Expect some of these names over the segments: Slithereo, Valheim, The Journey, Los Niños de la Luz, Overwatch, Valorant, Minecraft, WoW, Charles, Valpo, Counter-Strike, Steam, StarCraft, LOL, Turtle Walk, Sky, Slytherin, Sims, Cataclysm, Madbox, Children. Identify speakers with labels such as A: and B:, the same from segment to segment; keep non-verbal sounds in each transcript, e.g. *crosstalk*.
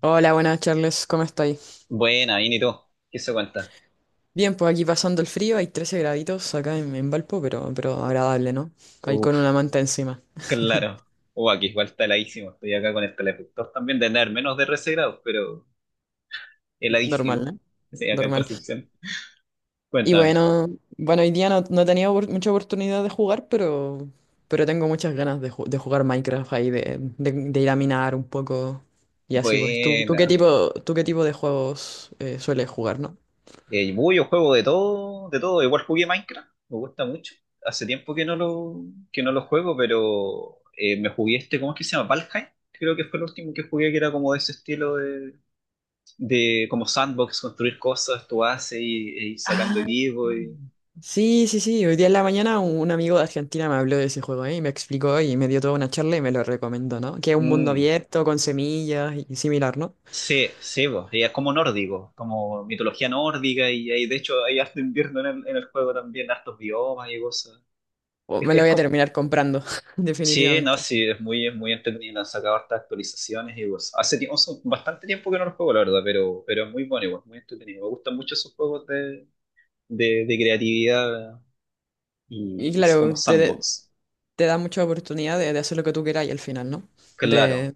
A: Hola, buenas Charles, ¿cómo estáis?
B: Buena, bien, ¿y tú? ¿Qué se cuenta?
A: Bien, pues aquí pasando el frío, hay 13 graditos acá en Valpo, pero agradable, ¿no? Ahí con una
B: Uf,
A: manta encima.
B: claro. Aquí igual está heladísimo. Estoy acá con el calefactor también, de tener menos de 13 grados, pero
A: Normal,
B: heladísimo. *laughs*
A: ¿no?
B: Sí, acá en
A: Normal.
B: Concepción.
A: Y
B: Cuéntame.
A: bueno, bueno, hoy día no he tenido mucha oportunidad de jugar, pero tengo muchas ganas de, de jugar Minecraft ahí, de ir a minar un poco y así, pues. ¿Tú,
B: Buena.
A: tú qué tipo de juegos sueles jugar, ¿no?
B: Yo juego de todo, de todo. Igual jugué Minecraft, me gusta mucho. Hace tiempo que no lo juego, pero me jugué este, ¿cómo es que se llama? Valheim. Creo que fue el último que jugué, que era como de ese estilo de como sandbox, construir cosas, tú haces y sacando
A: Ah,
B: equipo y...
A: sí. Hoy día en la mañana un amigo de Argentina me habló de ese juego, ¿eh? Y me explicó y me dio toda una charla y me lo recomendó, ¿no? Que es un mundo
B: Mm.
A: abierto con semillas y similar, ¿no?
B: Sí, sí, po, y es como nórdico, como mitología nórdica, y de hecho hay harto invierno en en el juego también, hartos biomas y cosas.
A: O
B: Es,
A: me
B: que-
A: lo
B: es
A: voy a
B: como,
A: terminar comprando, *laughs*
B: sí, no,
A: definitivamente.
B: sí, es muy entretenido, han sacado hartas actualizaciones y cosas. Hace tiempo, hace bastante tiempo que no lo juego, la verdad, pero es muy bueno igual, muy entretenido. Me gustan mucho esos juegos de creatividad
A: Y
B: y como
A: claro, te,
B: sandbox.
A: te da mucha oportunidad de hacer lo que tú queráis al final, ¿no? De,
B: Claro,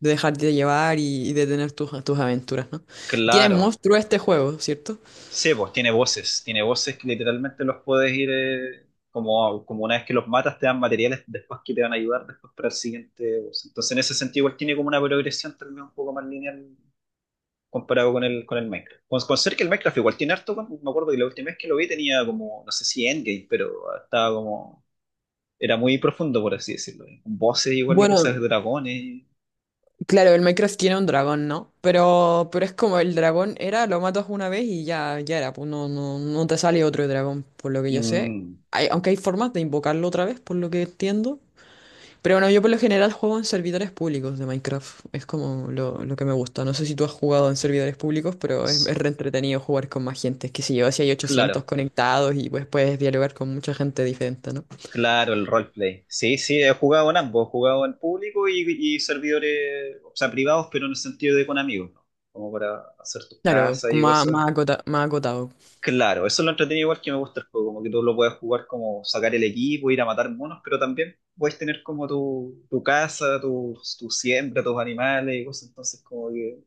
A: de dejarte llevar y de tener tus, tus aventuras, ¿no? Y tiene
B: claro.
A: monstruo este juego, ¿cierto?
B: Sí, pues tiene voces que literalmente los puedes ir, como, como una vez que los matas te dan materiales después que te van a ayudar después para el siguiente boss. Entonces en ese sentido igual tiene como una progresión también un poco más lineal comparado con con el Minecraft. Con ser que el Minecraft igual tiene harto, me acuerdo que la última vez que lo vi tenía como, no sé si endgame, pero estaba como, era muy profundo por así decirlo. Voces igual y
A: Bueno,
B: cosas de dragones.
A: claro, el Minecraft tiene un dragón, ¿no? Pero es como el dragón era, lo matas una vez y ya, ya era, pues no te sale otro dragón, por lo que yo sé.
B: Mm,
A: Hay, aunque hay formas de invocarlo otra vez, por lo que entiendo. Pero bueno, yo por lo general juego en servidores públicos de Minecraft. Es como lo que me gusta. No sé si tú has jugado en servidores públicos, pero es,
B: s-
A: es re entretenido jugar con más gente. Es que si yo, si hay 800
B: claro.
A: conectados y pues puedes dialogar con mucha gente diferente, ¿no?
B: Claro, el roleplay. Sí, sí, he jugado en ambos, he jugado en público y servidores, o sea, privados, pero en el sentido de con amigos, ¿no? Como para hacer tus
A: Claro,
B: casas
A: con
B: y
A: más,
B: cosas.
A: más acotado.
B: Claro, eso es lo entretenido igual que me gusta el juego, como que tú lo puedes jugar como sacar el equipo, ir a matar monos, pero también puedes tener como tu casa, tu siembra, tus animales y cosas, entonces como que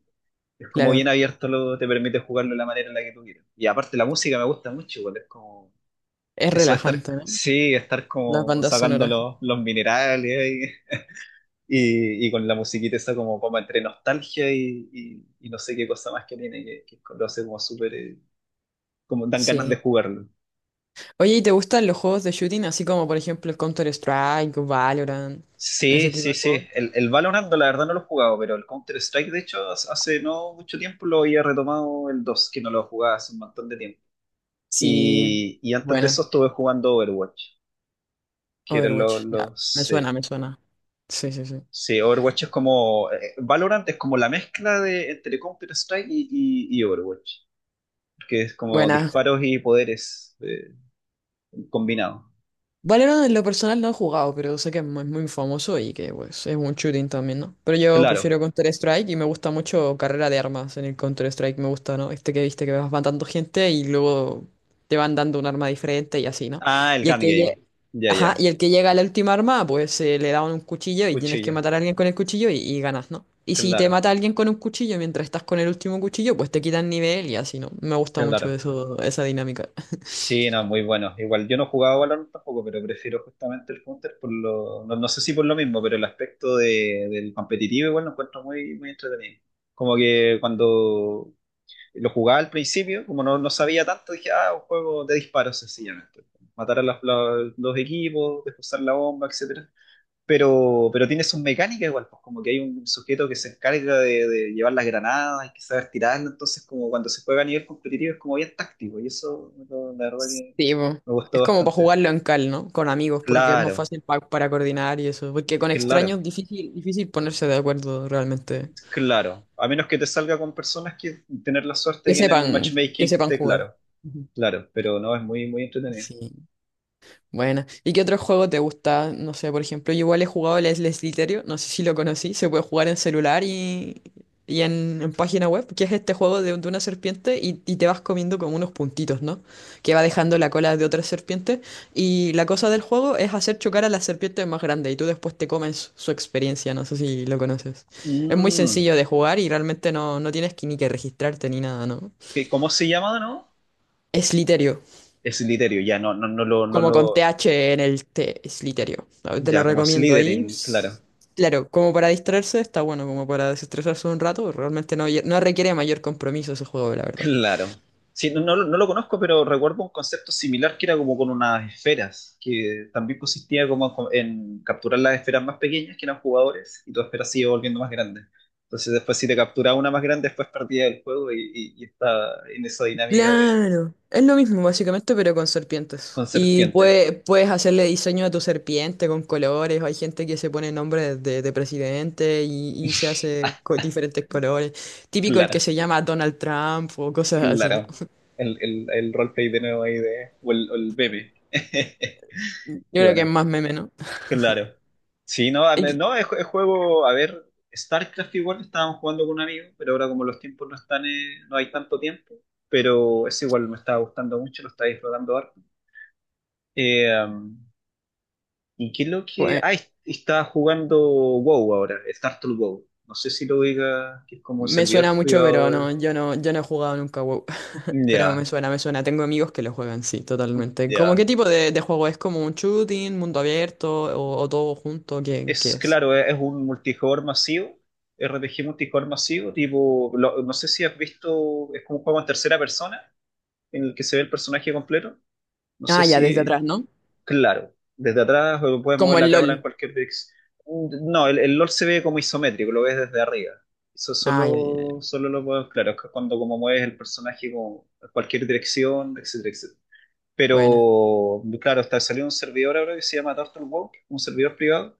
B: es como bien
A: Claro,
B: abierto, lo, te permite jugarlo de la manera en la que tú quieras. Y aparte la música me gusta mucho, igual es como
A: es
B: eso de estar,
A: relajante, ¿no?
B: sí, estar
A: Las
B: como
A: bandas
B: sacando
A: sonoras.
B: los minerales y con la musiquita esa como, como entre nostalgia y, y no sé qué cosa más que tiene, que lo hace como súper, como dan ganas de
A: Sí.
B: jugarlo.
A: Oye, ¿y te gustan los juegos de shooting? Así como, por ejemplo, el Counter-Strike, o Valorant,
B: Sí,
A: ese tipo
B: sí,
A: de
B: sí.
A: juegos.
B: El Valorant, la verdad, no lo he jugado, pero el Counter-Strike, de hecho, hace no mucho tiempo lo había retomado el 2 que no lo jugaba hace un montón de tiempo.
A: Sí,
B: Y antes de eso
A: buena.
B: estuve jugando Overwatch, que eran
A: Overwatch. Ya, me suena,
B: sí.
A: me suena. Sí, sí, sí.
B: Sí, Overwatch es como. Valorant es como la mezcla de entre Counter-Strike y, y Overwatch. Que es como
A: Buena.
B: disparos y poderes combinados.
A: Valorant en lo personal no he jugado, pero sé que es muy, muy famoso y que pues, es un shooting también, ¿no? Pero yo
B: Claro.
A: prefiero Counter-Strike y me gusta mucho carrera de armas en el Counter-Strike, me gusta, ¿no? Este que viste que vas matando gente y luego te van dando un arma diferente y así, ¿no?
B: Ah, el
A: Y el
B: Gun Game. Ya,
A: ajá,
B: ya.
A: y el que llega a la última arma, pues se le da un cuchillo y tienes que
B: Cuchillo.
A: matar a alguien con el cuchillo y ganas, ¿no? Y si te
B: Claro,
A: mata alguien con un cuchillo mientras estás con el último cuchillo, pues te quitan nivel y así, ¿no? Me gusta mucho
B: claro.
A: eso, esa dinámica.
B: Sí, no, muy bueno. Igual yo no jugaba Valorant tampoco, pero prefiero justamente el Counter por lo. No, no sé si por lo mismo, pero el aspecto del competitivo igual lo encuentro muy, muy entretenido. Como que cuando lo jugaba al principio, como no, no sabía tanto, dije, ah, un juego de disparos sencillamente. Matar a los equipos, desposar la bomba, etcétera. Pero tiene sus mecánicas igual, pues como que hay un sujeto que se encarga de llevar las granadas, hay que saber tirarlas, entonces como cuando se juega a nivel competitivo es como bien táctico, y eso la verdad que
A: Sí, po.
B: me gustó
A: Es como para
B: bastante.
A: jugarlo en cal, ¿no? Con amigos, porque es más
B: Claro,
A: fácil para coordinar y eso. Porque
B: es
A: con
B: que claro.
A: extraños difícil, difícil ponerse de acuerdo realmente.
B: es claro, a menos que te salga con personas que tener la suerte
A: Que
B: que en
A: sepan,
B: el
A: que
B: matchmaking
A: sepan
B: te
A: jugar.
B: claro,
A: Ujú.
B: claro, pero no es muy muy entretenido.
A: Sí. Bueno, ¿y qué otro juego te gusta? No sé, por ejemplo, yo igual he jugado el Slithereo, no sé si lo conocí, se puede jugar en celular y en página web, que es este juego de una serpiente y te vas comiendo como unos puntitos, ¿no? Que va dejando la cola de otra serpiente y la cosa del juego es hacer chocar a la serpiente más grande y tú después te comes su experiencia, no sé si lo conoces. Es muy
B: Mm,
A: sencillo de jugar y realmente no tienes que ni que registrarte ni nada, ¿no?
B: ¿Cómo se llama, no?
A: Slithereo.
B: Slytherin, ya, no, no
A: Como
B: lo,
A: con TH en el T, Slytherio. Te lo
B: ya, como
A: recomiendo ahí.
B: Slytherin, claro.
A: Claro, como para distraerse está bueno, como para desestresarse un rato, realmente no requiere mayor compromiso ese juego, la
B: *laughs*
A: verdad.
B: Claro. Sí, no, no, lo no lo conozco, pero recuerdo un concepto similar que era como con unas esferas, que también consistía como en capturar las esferas más pequeñas, que eran jugadores, y tu esfera se iba volviendo más grande. Entonces después si te capturaba una más grande, después perdía el juego y estaba en esa dinámica de
A: Claro, es lo mismo básicamente, pero con serpientes.
B: con
A: Y
B: serpientes.
A: puedes hacerle diseño a tu serpiente con colores, hay gente que se pone nombres de presidente y se hace con diferentes colores. Típico el que
B: Claro,
A: se llama Donald Trump o cosas así, ¿no?
B: claro. El roleplay de nuevo ahí de, o el meme. *laughs*
A: Yo
B: Qué
A: creo que es
B: buena.
A: más meme, ¿no?
B: Claro. Sí, no, no, es juego, a ver, StarCraft igual estábamos jugando con un amigo, pero ahora como los tiempos no están, no hay tanto tiempo, pero es igual me estaba gustando mucho, lo estaba disfrutando harto. Eh, um, ¿Y qué es lo que...?
A: Y-
B: Ah, estaba jugando WoW ahora, Startle WoW. No sé si lo diga, que es como
A: Me suena
B: servidor
A: mucho,
B: privado
A: pero
B: de...
A: no, yo no he jugado nunca WoW. *laughs* Pero me
B: Ya,
A: suena, me suena. Tengo amigos que lo juegan, sí, totalmente. ¿Cómo qué
B: ya.
A: tipo de juego es? ¿Como un shooting, mundo abierto o todo junto? ¿Qué, qué
B: Es
A: es?
B: claro, es un multijugador masivo, RPG multijugador masivo, tipo, no sé si has visto, es como un juego en tercera persona en el que se ve el personaje completo. No sé
A: Ah, ya, desde
B: si,
A: atrás, ¿no?
B: claro, desde atrás o puedes mover
A: Como
B: la
A: el
B: cámara en
A: LOL.
B: cualquier dirección. No, el LOL se ve como isométrico, lo ves desde arriba. Eso
A: Ah, ya.
B: solo, solo lo puedo, claro, es que cuando como mueves el personaje como a cualquier dirección, etcétera, etcétera.
A: Buena.
B: Pero, claro, está salió un servidor ahora que se llama Turtle Walk, un servidor privado,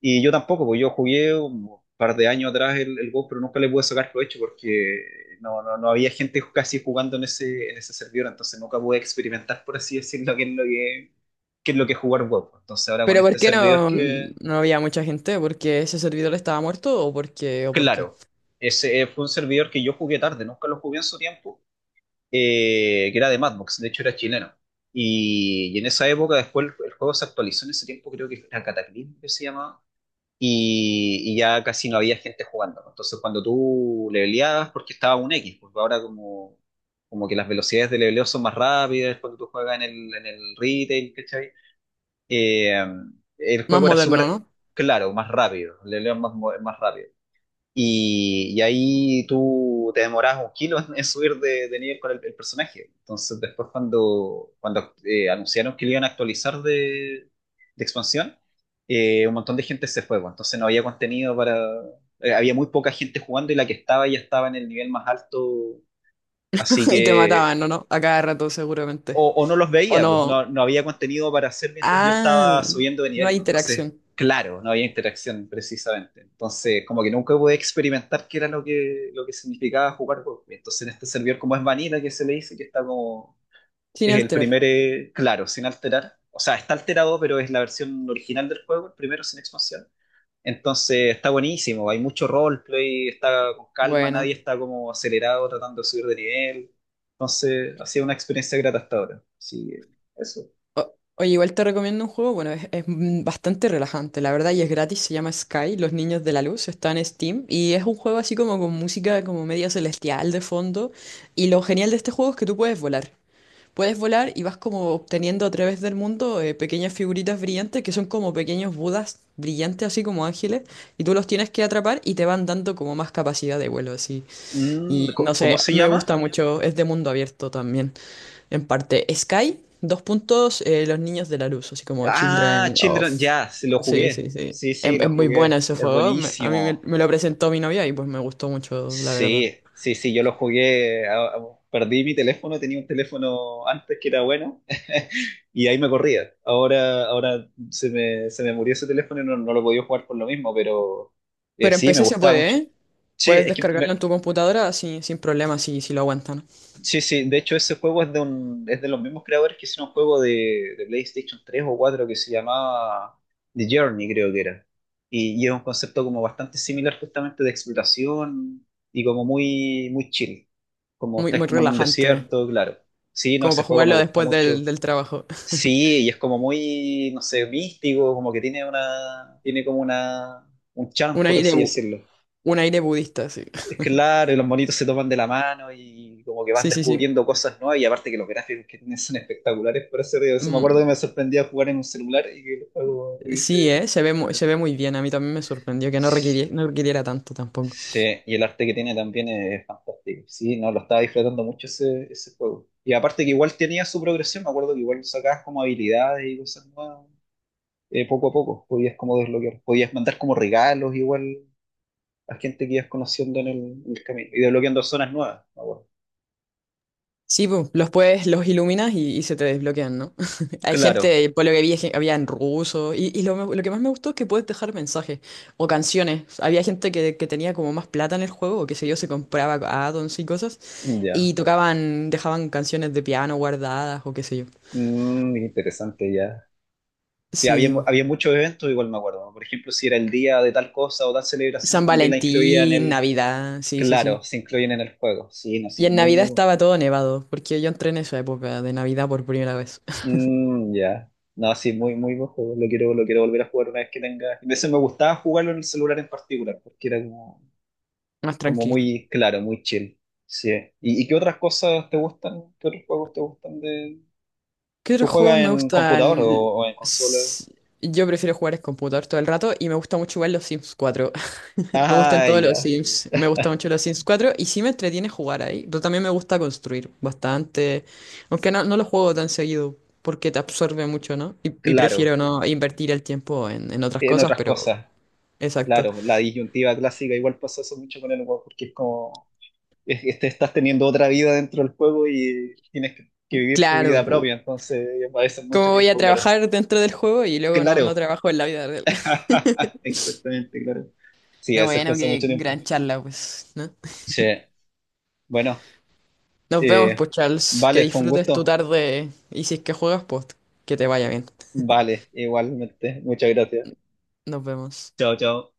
B: y yo tampoco, porque yo jugué un par de años atrás el WoW, pero nunca le pude sacar provecho porque no, no, no había gente casi jugando en ese servidor, entonces nunca pude experimentar, por así decirlo, qué es lo que, qué es lo que es jugar WoW. Entonces ahora con
A: ¿Pero por
B: este
A: qué
B: servidor
A: no,
B: que,
A: no había mucha gente? ¿Porque ese servidor estaba muerto o por qué? ¿O por qué?
B: claro, ese fue un servidor que yo jugué tarde, nunca lo jugué en su tiempo, que era de Madbox, de hecho era chileno. Y en esa época después el juego se actualizó en ese tiempo, creo que era Cataclysm que se llamaba y ya casi no había gente jugando. Entonces, cuando tú leveleabas, porque estaba un X, porque ahora como, como que las velocidades de leveleo son más rápidas cuando tú juegas en en el retail, ¿cachai? Eh, el
A: Más
B: juego era
A: moderno,
B: súper
A: ¿no?
B: claro, más rápido, el leveleo es más, más rápido. Y ahí tú te demoras un kilo en subir de nivel con el personaje. Entonces, después, cuando anunciaron que lo iban a actualizar de expansión, un montón de gente se fue, pues. Entonces, no había contenido para. Había muy poca gente jugando y la que estaba ya estaba en el nivel más alto. Así
A: *laughs* Y te
B: que
A: mataban, ¿no? ¿No? A cada rato seguramente.
B: o no los
A: ¿O
B: veía, pues
A: no?
B: no, no había contenido para hacer mientras yo
A: Ah,
B: estaba subiendo de
A: no
B: nivel,
A: hay
B: pues. Entonces,
A: interacción.
B: claro, no había interacción precisamente. Entonces, como que nunca pude experimentar qué era lo que significaba jugar juegos. Entonces, en este servidor, como es vanilla, que se le dice que está como.
A: Sin
B: Es el
A: alterar.
B: primer, claro, sin alterar. O sea, está alterado, pero es la versión original del juego, el primero sin expansión. Entonces está buenísimo, hay mucho roleplay, está con calma, nadie
A: Buena.
B: está como acelerado tratando de subir de nivel. Entonces ha sido una experiencia grata hasta ahora. Así que eso.
A: O- Oye, igual te recomiendo un juego, bueno, es bastante relajante, la verdad, y es gratis, se llama Sky, Los Niños de la Luz, está en Steam, y es un juego así como con música como media celestial de fondo, y lo genial de este juego es que tú puedes volar y vas como obteniendo a través del mundo pequeñas figuritas brillantes que son como pequeños budas brillantes, así como ángeles, y tú los tienes que atrapar y te van dando como más capacidad de vuelo, así,
B: Mm,
A: y no
B: ¿cómo
A: sé,
B: se
A: me
B: llama?
A: gusta mucho, es de mundo abierto también. En parte, Sky, dos puntos, Los Niños de la Luz, así como
B: Ah,
A: Children of...
B: Children, ya, sí, lo
A: Sí,
B: jugué.
A: sí, sí.
B: Sí, sí,
A: Es
B: lo
A: muy buena
B: jugué.
A: ese
B: Es
A: juego. A
B: buenísimo.
A: me lo presentó mi novia y pues me gustó mucho, la verdad.
B: Sí, sí, sí, yo lo jugué, perdí mi teléfono, tenía un teléfono antes que era bueno *laughs* y ahí me corría. Ahora, ahora se me murió ese teléfono y no, no lo podía jugar por lo mismo, pero
A: Pero en
B: sí, me
A: PC se
B: gustaba
A: puede,
B: mucho.
A: ¿eh?
B: Sí,
A: Puedes
B: es que
A: descargarlo
B: me,
A: en tu computadora sin, sin problema si, si lo aguantan.
B: Sí, sí, de hecho ese juego es de un, es de los mismos creadores que hicieron un juego de PlayStation 3 o 4 que se llamaba The Journey, creo que era. Y es un concepto como bastante similar justamente de exploración y como muy, muy chill. Como
A: Muy,
B: estáis
A: muy
B: como en un
A: relajante,
B: desierto, claro. Sí, no,
A: como
B: ese
A: para
B: juego me
A: jugarlo
B: gustó
A: después del,
B: mucho.
A: del trabajo.
B: Sí, y es como muy, no sé, místico, como que tiene una, tiene como una, un
A: *laughs*
B: charm,
A: Un
B: por
A: aire,
B: así decirlo.
A: un aire budista, sí.
B: Es
A: *laughs*
B: Claro, y los monitos se toman de la mano y como que vas
A: Sí, sí, sí.
B: descubriendo cosas nuevas y aparte que los gráficos que tienen son espectaculares, por eso, digo, eso me acuerdo
A: Mm,
B: que me sorprendía jugar en un celular y que el juego
A: sí,
B: tuviese...
A: ¿eh?
B: ese
A: Se ve, se ve
B: gráfico.
A: muy bien. A mí también me sorprendió que no requiriera, no requiriera tanto tampoco.
B: Sí, y el arte que tiene también es fantástico. Sí, no, lo estaba disfrutando mucho ese, ese juego. Y aparte que igual tenía su progresión, me acuerdo que igual sacabas como habilidades y cosas nuevas, poco a poco, podías como desbloquear, podías mandar como regalos igual a gente que ibas conociendo en el camino y desbloqueando zonas nuevas, me acuerdo.
A: Sí, pu, los puedes, los iluminas y se te desbloquean, ¿no? *laughs* Hay
B: Claro.
A: gente, por lo que vi, es que había en ruso. Y lo, lo que más me gustó es que puedes dejar mensajes o canciones. Había gente que tenía como más plata en el juego, o qué sé yo, se compraba addons y cosas. Y
B: Ya.
A: tocaban, dejaban canciones de piano guardadas o qué sé yo.
B: Mm, interesante, ya. Sí,
A: Sí,
B: había,
A: pu.
B: había muchos eventos, igual me acuerdo, ¿no? Por ejemplo, si era el día de tal cosa o tal celebración,
A: San
B: también la incluían en
A: Valentín,
B: el...
A: Navidad, sí, sí,
B: Claro,
A: sí.
B: se incluyen en el juego. Sí, no,
A: Y
B: sí,
A: en
B: muy,
A: Navidad
B: muy...
A: estaba todo nevado, porque yo entré en esa época de Navidad por primera vez. *laughs*
B: mm, ya. No, sí, muy, muy buen juego. Lo quiero volver a jugar una vez que tenga... A veces me gustaba jugarlo en el celular en particular, porque era como,
A: Más
B: como
A: tranquilo.
B: muy claro, muy chill. Sí. Y qué otras cosas te gustan? ¿Qué otros juegos te gustan de...
A: ¿Qué
B: ¿Tú
A: otros juegos
B: juegas
A: me
B: en computador
A: gustan?
B: o en consola?
A: S- Yo prefiero jugar en computador todo el rato y me gusta mucho jugar los Sims 4. *laughs* Me gustan
B: Ah,
A: todos los
B: ya.
A: Sims. Me gustan mucho los Sims 4 y sí me entretiene jugar ahí. Pero también me gusta construir bastante. Aunque no lo juego tan seguido porque te absorbe mucho, ¿no? Y
B: Claro.
A: prefiero no invertir el tiempo en otras
B: En
A: cosas,
B: otras
A: pero
B: cosas.
A: exacto.
B: Claro, la disyuntiva clásica igual pasa eso mucho con el humor, porque es como, te estás teniendo otra vida dentro del juego y tienes que vivir tu
A: Claro,
B: vida
A: pu,
B: propia, entonces a veces mucho
A: ¿cómo voy a
B: tiempo, claro.
A: trabajar dentro del juego y luego no
B: Claro,
A: trabajo en la vida real? *laughs*
B: *laughs* exactamente, claro. Sí, a
A: Pero
B: veces
A: bueno,
B: cuesta
A: qué
B: mucho tiempo.
A: gran charla, pues, ¿no?
B: Sí, bueno,
A: Nos vemos,
B: eh,
A: pues, Charles. Que
B: vale, fue un
A: disfrutes Vale, tu
B: gusto.
A: tarde y si es que juegas, pues, que te vaya bien.
B: Vale, igualmente. Muchas gracias.
A: Nos vemos.
B: Chao, chao.